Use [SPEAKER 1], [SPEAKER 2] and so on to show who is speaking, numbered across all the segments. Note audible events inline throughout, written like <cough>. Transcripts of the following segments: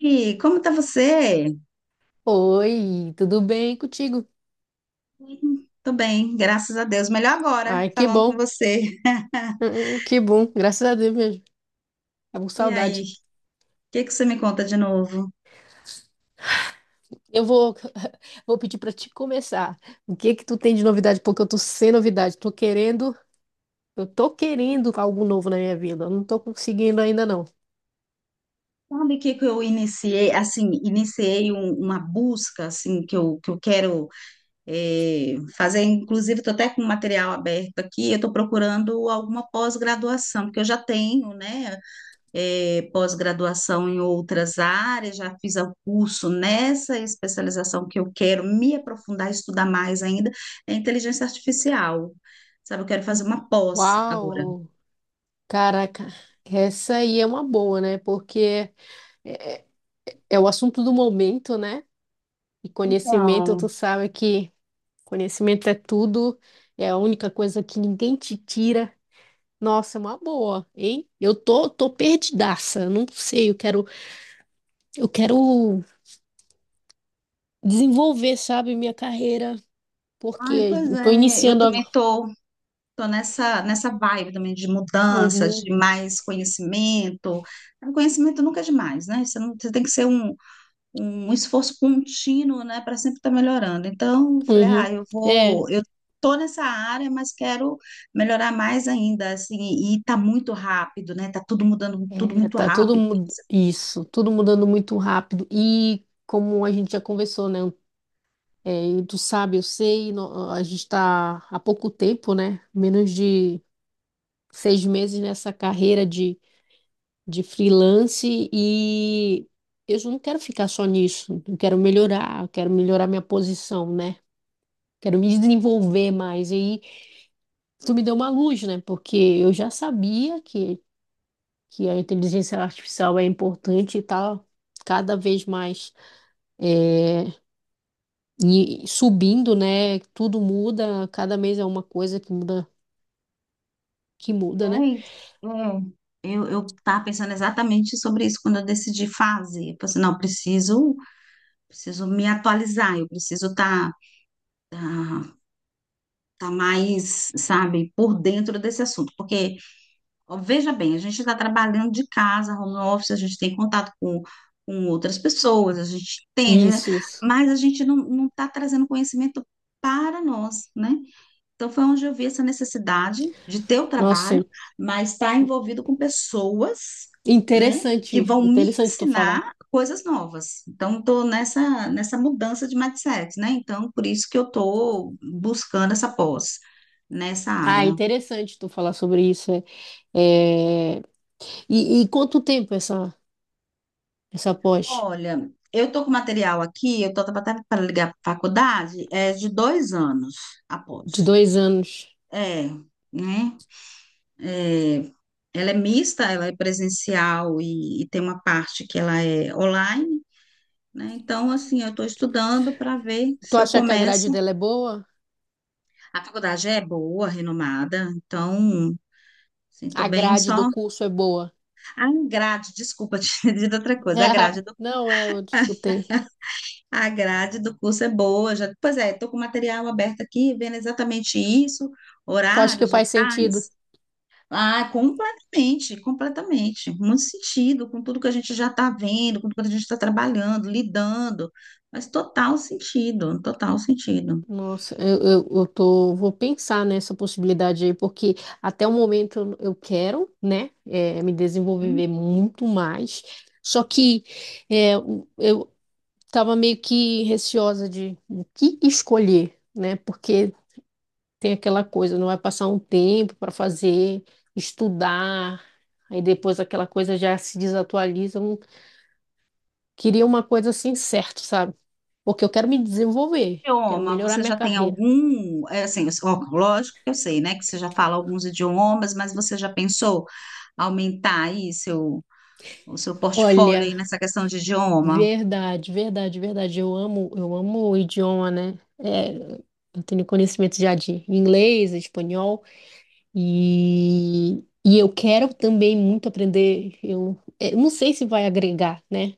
[SPEAKER 1] E como tá você?
[SPEAKER 2] Oi, tudo bem contigo?
[SPEAKER 1] Tô bem, graças a Deus. Melhor agora,
[SPEAKER 2] Ai, que
[SPEAKER 1] falando com
[SPEAKER 2] bom.
[SPEAKER 1] você.
[SPEAKER 2] Que bom, graças a Deus mesmo. Tava com
[SPEAKER 1] E aí,
[SPEAKER 2] saudade.
[SPEAKER 1] o que que você me conta de novo?
[SPEAKER 2] Eu vou, <laughs> vou pedir pra te começar. O que que tu tem de novidade? Porque eu tô sem novidade. Eu tô querendo algo novo na minha vida. Eu não tô conseguindo ainda não.
[SPEAKER 1] Sabe o que que eu iniciei, assim, iniciei uma busca, assim, que eu quero fazer, inclusive estou até com o material aberto aqui, eu estou procurando alguma pós-graduação, porque eu já tenho, né? Pós-graduação em outras áreas, já fiz o curso nessa especialização que eu quero me aprofundar, estudar mais ainda, é inteligência artificial. Sabe, eu quero fazer uma pós agora.
[SPEAKER 2] Uau! Caraca, essa aí é uma boa, né? Porque é, é é o assunto do momento, né? E conhecimento,
[SPEAKER 1] Então,
[SPEAKER 2] tu sabe que, conhecimento é tudo, é a única coisa que ninguém te tira. Nossa, é uma boa, hein? Eu tô perdidaça, eu não sei, eu quero desenvolver, sabe, minha carreira, porque
[SPEAKER 1] ai, pois
[SPEAKER 2] eu tô
[SPEAKER 1] é, eu
[SPEAKER 2] iniciando
[SPEAKER 1] também
[SPEAKER 2] agora.
[SPEAKER 1] tô, tô nessa, nessa vibe também de mudança,
[SPEAKER 2] Uhum,
[SPEAKER 1] de mais conhecimento. O conhecimento nunca é demais, né? Você não, você tem que ser um, um esforço contínuo, né, para sempre estar melhorando. Então, eu falei, ah,
[SPEAKER 2] uhum.
[SPEAKER 1] eu
[SPEAKER 2] É,
[SPEAKER 1] vou, eu tô nessa área, mas quero melhorar mais ainda, assim, e tá muito rápido, né? Tá tudo mudando, tudo muito
[SPEAKER 2] tá tudo
[SPEAKER 1] rápido.
[SPEAKER 2] isso, tudo mudando muito rápido e como a gente já conversou, né? É, e tu sabe, eu sei, a gente tá há pouco tempo, né? Menos de 6 meses nessa carreira de freelance e eu não quero ficar só nisso, eu quero melhorar minha posição, né? Quero me desenvolver mais. E aí, tu me deu uma luz, né? Porque eu já sabia que a inteligência artificial é importante e tá cada vez mais é, e subindo, né? Tudo muda, cada mês é uma coisa que muda, né?
[SPEAKER 1] Ai, é. Eu tava pensando exatamente sobre isso quando eu decidi fazer. Eu pensei, não, preciso, preciso me atualizar, eu preciso estar tá, tá, tá mais, sabe, por dentro desse assunto, porque ó, veja bem, a gente está trabalhando de casa, home office, a gente tem contato com outras pessoas, a gente entende, né?
[SPEAKER 2] Isso, isso.
[SPEAKER 1] Mas a gente não está trazendo conhecimento para nós, né? Então foi onde eu vi essa necessidade de ter o trabalho,
[SPEAKER 2] Nossa,
[SPEAKER 1] mas estar envolvido com pessoas, né? Que
[SPEAKER 2] interessante,
[SPEAKER 1] vão me
[SPEAKER 2] interessante tu falar.
[SPEAKER 1] ensinar coisas novas. Então estou nessa mudança de mindset, né? Então por isso que eu estou buscando essa pós nessa
[SPEAKER 2] Ah, é
[SPEAKER 1] área.
[SPEAKER 2] interessante tu falar sobre isso. É. É, E, e quanto tempo essa pós?
[SPEAKER 1] Olha, eu tô com material aqui, eu tô até para ligar para a faculdade, é de dois anos
[SPEAKER 2] De
[SPEAKER 1] após.
[SPEAKER 2] 2 anos.
[SPEAKER 1] É, né? É, ela é mista, ela é presencial e tem uma parte que ela é online, né? Então, assim, eu estou estudando para ver
[SPEAKER 2] Tu
[SPEAKER 1] se eu
[SPEAKER 2] acha que a grade
[SPEAKER 1] começo.
[SPEAKER 2] dela é boa?
[SPEAKER 1] A faculdade é boa, renomada, então, assim, tô
[SPEAKER 2] A
[SPEAKER 1] bem
[SPEAKER 2] grade do
[SPEAKER 1] só.
[SPEAKER 2] curso é boa?
[SPEAKER 1] A grade, desculpa <laughs> te dizer outra coisa, a grade,
[SPEAKER 2] <laughs> Não é, eu escutei.
[SPEAKER 1] a grade do curso é boa, já, pois é, estou com o material aberto aqui, vendo exatamente isso,
[SPEAKER 2] Tu acha que
[SPEAKER 1] horários,
[SPEAKER 2] faz sentido?
[SPEAKER 1] locais. Ah, completamente, completamente. Muito sentido com tudo que a gente já está vendo, com tudo que a gente está trabalhando, lidando. Mas total sentido, total sentido.
[SPEAKER 2] Nossa, eu tô, vou pensar nessa possibilidade aí, porque até o momento eu quero, né, é, me
[SPEAKER 1] Hum.
[SPEAKER 2] desenvolver muito mais. Só que é, eu, tava meio que receosa de o que escolher, né? Porque tem aquela coisa, não vai passar um tempo para fazer, estudar, aí depois aquela coisa já se desatualiza. Eu não queria uma coisa assim certa, sabe? Porque eu quero me desenvolver, quero
[SPEAKER 1] Idioma,
[SPEAKER 2] melhorar
[SPEAKER 1] você
[SPEAKER 2] minha
[SPEAKER 1] já tem
[SPEAKER 2] carreira.
[SPEAKER 1] algum, é, assim, ó, lógico que eu sei, né, que você já fala alguns idiomas, mas você já pensou aumentar aí seu, o seu portfólio
[SPEAKER 2] Olha,
[SPEAKER 1] aí nessa questão de idioma?
[SPEAKER 2] verdade, verdade, verdade. Eu amo o idioma, né? É, eu tenho conhecimento já de inglês, espanhol. E, e eu quero também muito aprender. Eu, é, eu não sei se vai agregar, né?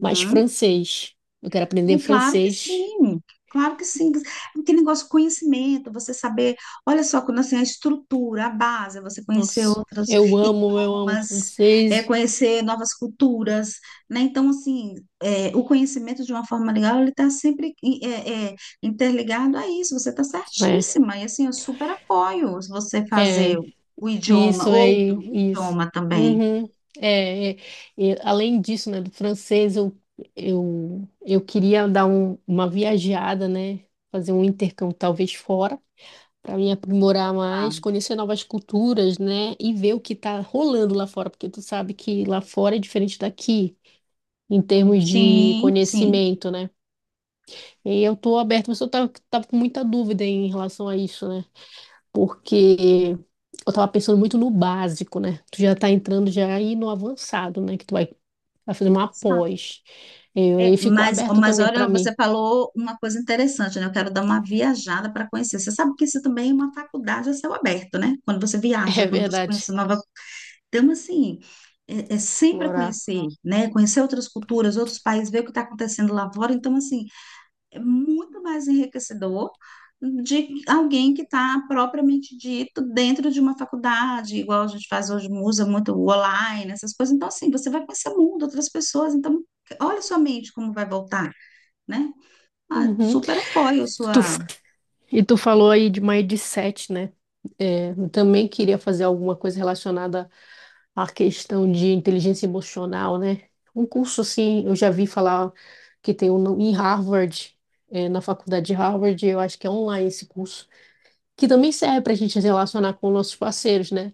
[SPEAKER 2] Mas francês. Eu quero
[SPEAKER 1] É
[SPEAKER 2] aprender
[SPEAKER 1] claro que
[SPEAKER 2] francês.
[SPEAKER 1] sim, claro que sim. Aquele negócio de conhecimento, você saber, olha só, quando assim, a estrutura, a base, você conhecer
[SPEAKER 2] Nossa,
[SPEAKER 1] outros
[SPEAKER 2] eu amo
[SPEAKER 1] idiomas, é,
[SPEAKER 2] francês.
[SPEAKER 1] conhecer novas culturas, né? Então, assim, é, o conhecimento de uma forma legal, ele está sempre interligado a isso, você está certíssima, e assim, eu super apoio se você
[SPEAKER 2] É,
[SPEAKER 1] fazer
[SPEAKER 2] é
[SPEAKER 1] o idioma,
[SPEAKER 2] isso é
[SPEAKER 1] outro
[SPEAKER 2] isso.
[SPEAKER 1] idioma também.
[SPEAKER 2] Uhum, é, é. E além disso, né, do francês, eu queria dar uma viajada, né? Fazer um intercâmbio talvez fora, para me aprimorar mais, conhecer novas culturas, né? E ver o que está rolando lá fora, porque tu sabe que lá fora é diferente daqui, em
[SPEAKER 1] Claro.
[SPEAKER 2] termos de
[SPEAKER 1] Sim, sim.
[SPEAKER 2] conhecimento, né? E eu tô aberta, mas eu tava com muita dúvida em relação a isso, né? Porque eu tava pensando muito no básico, né? Tu já tá entrando já aí no avançado, né? Vai fazer uma pós. E
[SPEAKER 1] É,
[SPEAKER 2] aí ficou
[SPEAKER 1] mas,
[SPEAKER 2] aberto
[SPEAKER 1] mas
[SPEAKER 2] também para
[SPEAKER 1] olha, você
[SPEAKER 2] mim.
[SPEAKER 1] falou uma coisa interessante, né? Eu quero dar uma viajada para conhecer. Você sabe que isso também é uma faculdade a céu aberto, né? Quando você
[SPEAKER 2] <laughs> É
[SPEAKER 1] viaja, quando você conhece
[SPEAKER 2] verdade.
[SPEAKER 1] nova. Então, assim, é, é sempre
[SPEAKER 2] Explorar.
[SPEAKER 1] conhecer, né? Conhecer outras culturas, outros países, ver o que está acontecendo lá fora. Então, assim, é muito mais enriquecedor de alguém que está propriamente dito dentro de uma faculdade, igual a gente faz hoje, usa muito o online, essas coisas. Então, assim, você vai conhecer o mundo, outras pessoas. Então, olha sua mente como vai voltar, né? Ah,
[SPEAKER 2] Uhum.
[SPEAKER 1] super apoio a
[SPEAKER 2] Tu,
[SPEAKER 1] sua.
[SPEAKER 2] E tu falou aí de uma EDSET, né? É, eu também queria fazer alguma coisa relacionada à questão de inteligência emocional, né? Um curso assim, eu já vi falar que tem um em Harvard, é, na faculdade de Harvard, eu acho que é online esse curso, que também serve para a gente se relacionar com nossos parceiros, né?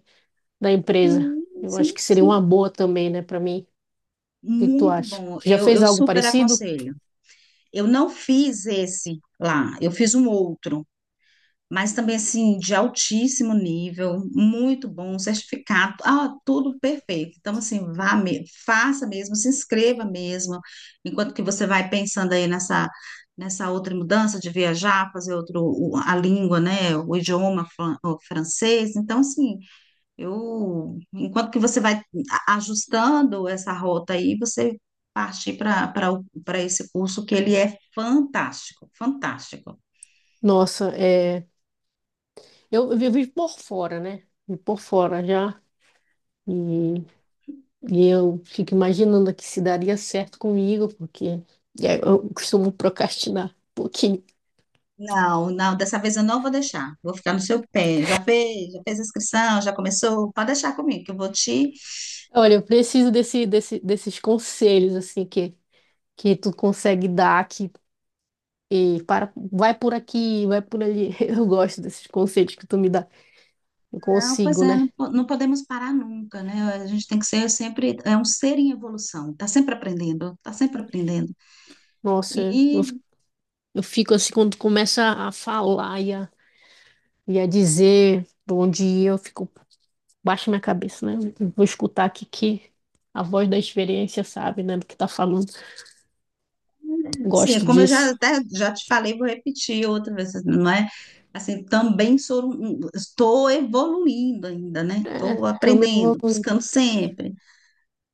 [SPEAKER 2] Da empresa.
[SPEAKER 1] Hum.
[SPEAKER 2] Eu acho
[SPEAKER 1] Sim,
[SPEAKER 2] que seria uma
[SPEAKER 1] sim.
[SPEAKER 2] boa também, né, para mim. O que que tu
[SPEAKER 1] Muito
[SPEAKER 2] acha?
[SPEAKER 1] bom.
[SPEAKER 2] Tu já
[SPEAKER 1] Eu,
[SPEAKER 2] fez
[SPEAKER 1] eu
[SPEAKER 2] algo
[SPEAKER 1] super
[SPEAKER 2] parecido?
[SPEAKER 1] aconselho. Eu não fiz esse lá, eu fiz um outro, mas também assim, de altíssimo nível, muito bom, um certificado, ah, tudo perfeito. Então, assim, vá me, faça mesmo, se inscreva mesmo, enquanto que você vai pensando aí nessa, nessa outra mudança de viajar, fazer outro, a língua, né? O idioma o francês. Então, assim. Eu, enquanto que você vai ajustando essa rota aí, você parte para para esse curso que ele é fantástico, fantástico.
[SPEAKER 2] Nossa, é, eu vivo por fora, né? Vivo por fora já. E e eu fico imaginando aqui se daria certo comigo, porque é, eu costumo procrastinar um pouquinho.
[SPEAKER 1] Não, não, dessa vez eu não vou deixar. Vou ficar no seu pé. Já fez a inscrição, já começou. Pode deixar comigo, que eu vou te.
[SPEAKER 2] Olha, eu preciso desses conselhos, assim, que tu consegue dar, que e para, vai por aqui, vai por ali. <laughs> Eu gosto desses conselhos que tu me dá. Eu
[SPEAKER 1] Não, pois
[SPEAKER 2] consigo,
[SPEAKER 1] é,
[SPEAKER 2] né?
[SPEAKER 1] não, não podemos parar nunca, né? A gente tem que ser sempre, é um ser em evolução. Tá sempre aprendendo, tá sempre aprendendo.
[SPEAKER 2] Nossa, eu fico assim, quando tu começa a falar e a dizer pra onde ir, eu fico, baixo minha cabeça, né? Eu vou escutar aqui que a voz da experiência sabe, né, do que tá falando.
[SPEAKER 1] Sim, é
[SPEAKER 2] Gosto
[SPEAKER 1] como eu já
[SPEAKER 2] disso.
[SPEAKER 1] até já te falei, vou repetir outra vez, não é? Assim, também sou, estou evoluindo ainda, né?
[SPEAKER 2] É,
[SPEAKER 1] Estou
[SPEAKER 2] também
[SPEAKER 1] aprendendo,
[SPEAKER 2] evoluindo.
[SPEAKER 1] buscando sempre,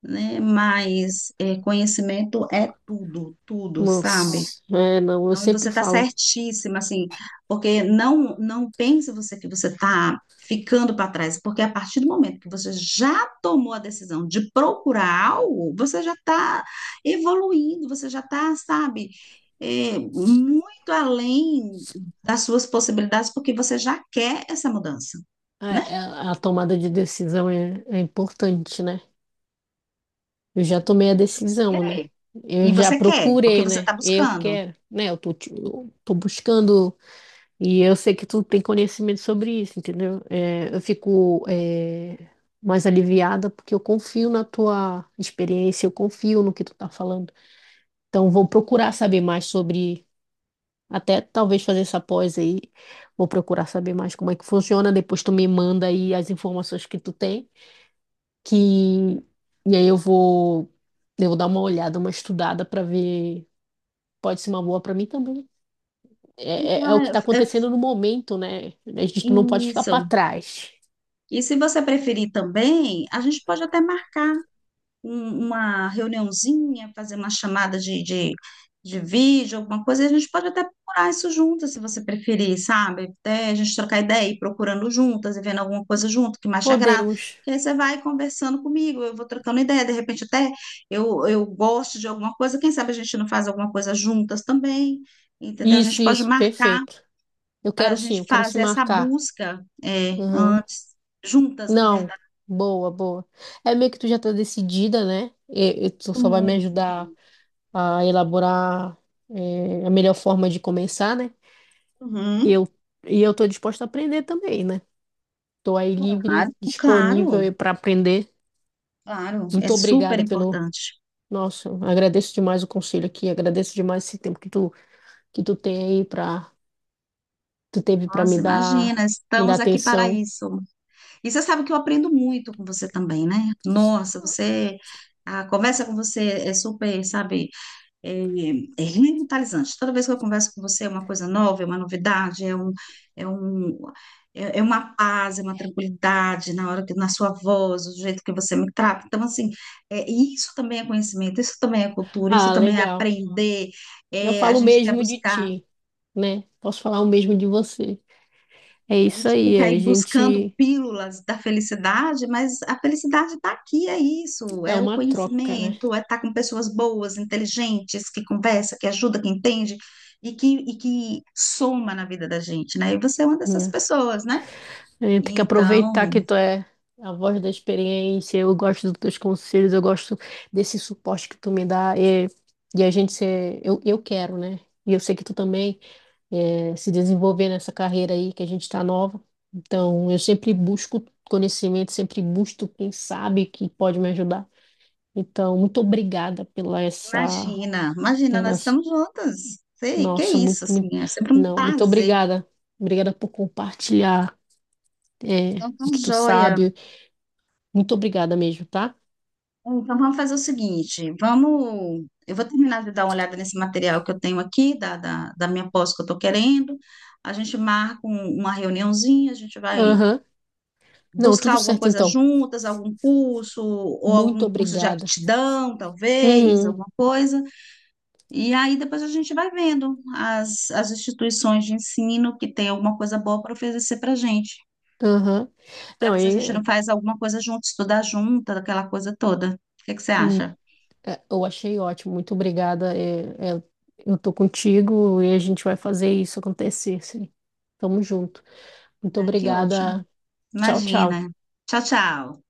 [SPEAKER 1] né? Mas é, conhecimento é tudo, tudo, sabe?
[SPEAKER 2] Mas, é, não, eu
[SPEAKER 1] Então, você
[SPEAKER 2] sempre
[SPEAKER 1] está
[SPEAKER 2] falo,
[SPEAKER 1] certíssima, assim, porque não pense você que você está ficando para trás, porque a partir do momento que você já tomou a decisão de procurar algo, você já está evoluindo, você já está, sabe, é, muito além das suas possibilidades, porque você já quer essa mudança, né?
[SPEAKER 2] é, é, a, tomada de decisão é importante, né? Eu já tomei a
[SPEAKER 1] Você vai
[SPEAKER 2] decisão, né?
[SPEAKER 1] querer.
[SPEAKER 2] Eu
[SPEAKER 1] E
[SPEAKER 2] já
[SPEAKER 1] você quer, porque
[SPEAKER 2] procurei,
[SPEAKER 1] você
[SPEAKER 2] né?
[SPEAKER 1] está
[SPEAKER 2] Eu
[SPEAKER 1] buscando.
[SPEAKER 2] quero, né? Eu tô buscando e eu sei que tu tem conhecimento sobre isso, entendeu? É, eu fico, é, mais aliviada porque eu confio na tua experiência, eu confio no que tu tá falando. Então, vou procurar saber mais sobre, até talvez fazer essa pós aí. Vou procurar saber mais como é que funciona. Depois tu me manda aí as informações que tu tem. Que... E aí eu vou dar uma olhada, uma estudada para ver. Pode ser uma boa para mim também. É
[SPEAKER 1] Então,
[SPEAKER 2] o que está
[SPEAKER 1] é, é
[SPEAKER 2] acontecendo no momento, né? A gente não pode ficar para
[SPEAKER 1] isso.
[SPEAKER 2] trás.
[SPEAKER 1] E se você preferir também, a gente pode até marcar uma reuniãozinha, fazer uma chamada de vídeo, alguma coisa, e a gente pode até procurar isso juntas, se você preferir, sabe? Até a gente trocar ideia e ir procurando juntas e vendo alguma coisa junto que mais te agrada.
[SPEAKER 2] Podemos.
[SPEAKER 1] Que aí você vai conversando comigo, eu vou trocando ideia, de repente até eu gosto de alguma coisa, quem sabe a gente não faz alguma coisa juntas também, entendeu? A
[SPEAKER 2] Isso,
[SPEAKER 1] gente pode
[SPEAKER 2] isso,
[SPEAKER 1] marcar
[SPEAKER 2] perfeito. Eu
[SPEAKER 1] para a
[SPEAKER 2] quero sim,
[SPEAKER 1] gente
[SPEAKER 2] eu quero se
[SPEAKER 1] fazer essa
[SPEAKER 2] marcar.
[SPEAKER 1] busca é,
[SPEAKER 2] Uhum.
[SPEAKER 1] juntas, na
[SPEAKER 2] Não,
[SPEAKER 1] verdade.
[SPEAKER 2] boa, boa. É meio que tu já tá decidida, né? E tu só vai me
[SPEAKER 1] Sim.
[SPEAKER 2] ajudar
[SPEAKER 1] Sim.
[SPEAKER 2] a elaborar a melhor forma de começar, né?
[SPEAKER 1] Uhum,
[SPEAKER 2] eu, e eu estou disposta a aprender também, né? Estou aí
[SPEAKER 1] claro,
[SPEAKER 2] livre,
[SPEAKER 1] claro.
[SPEAKER 2] disponível para aprender.
[SPEAKER 1] Claro, é
[SPEAKER 2] Muito
[SPEAKER 1] super
[SPEAKER 2] obrigada pelo.
[SPEAKER 1] importante.
[SPEAKER 2] Nossa, agradeço demais o conselho aqui, agradeço demais esse tempo que tu tem aí para tu teve para
[SPEAKER 1] Nossa, imagina,
[SPEAKER 2] me dar
[SPEAKER 1] estamos aqui para
[SPEAKER 2] atenção.
[SPEAKER 1] isso. E você sabe que eu aprendo muito com você também, né? Nossa, você, a conversa com você é super, sabe, é, é revitalizante. Toda vez que eu converso com você é uma coisa nova, é uma novidade, é um, é um, é uma paz, é uma tranquilidade na hora que, na sua voz, do jeito que você me trata. Então, assim, é, isso também é conhecimento, isso também é cultura, isso
[SPEAKER 2] Ah,
[SPEAKER 1] também é
[SPEAKER 2] legal.
[SPEAKER 1] aprender.
[SPEAKER 2] Eu
[SPEAKER 1] É, a
[SPEAKER 2] falo o
[SPEAKER 1] gente quer
[SPEAKER 2] mesmo de
[SPEAKER 1] buscar.
[SPEAKER 2] ti, né? Posso falar o mesmo de você. É
[SPEAKER 1] A
[SPEAKER 2] isso
[SPEAKER 1] gente
[SPEAKER 2] aí,
[SPEAKER 1] fica
[SPEAKER 2] a
[SPEAKER 1] aí buscando
[SPEAKER 2] gente
[SPEAKER 1] pílulas da felicidade, mas a felicidade está aqui, é isso,
[SPEAKER 2] é
[SPEAKER 1] é o
[SPEAKER 2] uma troca, né?
[SPEAKER 1] conhecimento, é estar com pessoas boas, inteligentes, que conversa, que ajuda, que entende e que soma na vida da gente, né? E você é uma dessas pessoas, né?
[SPEAKER 2] É, tem que aproveitar
[SPEAKER 1] Então,
[SPEAKER 2] que tu é a voz da experiência, eu gosto dos teus conselhos, eu gosto desse suporte que tu me dá, e a gente ser, eu quero, né? E eu sei que tu também é, se desenvolver nessa carreira aí, que a gente tá nova. Então, eu sempre busco conhecimento, sempre busco quem sabe que pode me ajudar. Então, muito obrigada pela essa,
[SPEAKER 1] imagina, imagina, nós
[SPEAKER 2] pelas,
[SPEAKER 1] estamos juntas. Sei, que
[SPEAKER 2] nossa,
[SPEAKER 1] isso,
[SPEAKER 2] muito,
[SPEAKER 1] assim,
[SPEAKER 2] muito,
[SPEAKER 1] é sempre um
[SPEAKER 2] não, muito
[SPEAKER 1] prazer.
[SPEAKER 2] obrigada. Obrigada por compartilhar é,
[SPEAKER 1] Então, tá
[SPEAKER 2] o que tu
[SPEAKER 1] joia.
[SPEAKER 2] sabe. Muito obrigada mesmo, tá?
[SPEAKER 1] Então, vamos fazer o seguinte, vamos... Eu vou terminar de dar uma olhada nesse material que eu tenho aqui, da minha pós que eu estou querendo. A gente marca uma reuniãozinha, a gente vai
[SPEAKER 2] Aham. Não,
[SPEAKER 1] buscar
[SPEAKER 2] tudo
[SPEAKER 1] alguma
[SPEAKER 2] certo
[SPEAKER 1] coisa
[SPEAKER 2] então.
[SPEAKER 1] juntas, algum curso, ou
[SPEAKER 2] Muito
[SPEAKER 1] algum curso de
[SPEAKER 2] obrigada.
[SPEAKER 1] aptidão, talvez,
[SPEAKER 2] Uhum.
[SPEAKER 1] alguma coisa. E aí depois a gente vai vendo as, as instituições de ensino que tem alguma coisa boa para oferecer para a gente,
[SPEAKER 2] Aham.
[SPEAKER 1] para
[SPEAKER 2] Não,
[SPEAKER 1] ver se a gente
[SPEAKER 2] é,
[SPEAKER 1] não faz alguma coisa junto, estudar junto, aquela coisa toda. O que que você
[SPEAKER 2] mui-
[SPEAKER 1] acha?
[SPEAKER 2] é, eu achei ótimo. Muito obrigada. É, é, eu tô contigo e a gente vai fazer isso acontecer, sim. Tamo junto. Muito
[SPEAKER 1] Ai, que ótimo.
[SPEAKER 2] obrigada. Tchau, tchau.
[SPEAKER 1] Imagina. Tchau, tchau.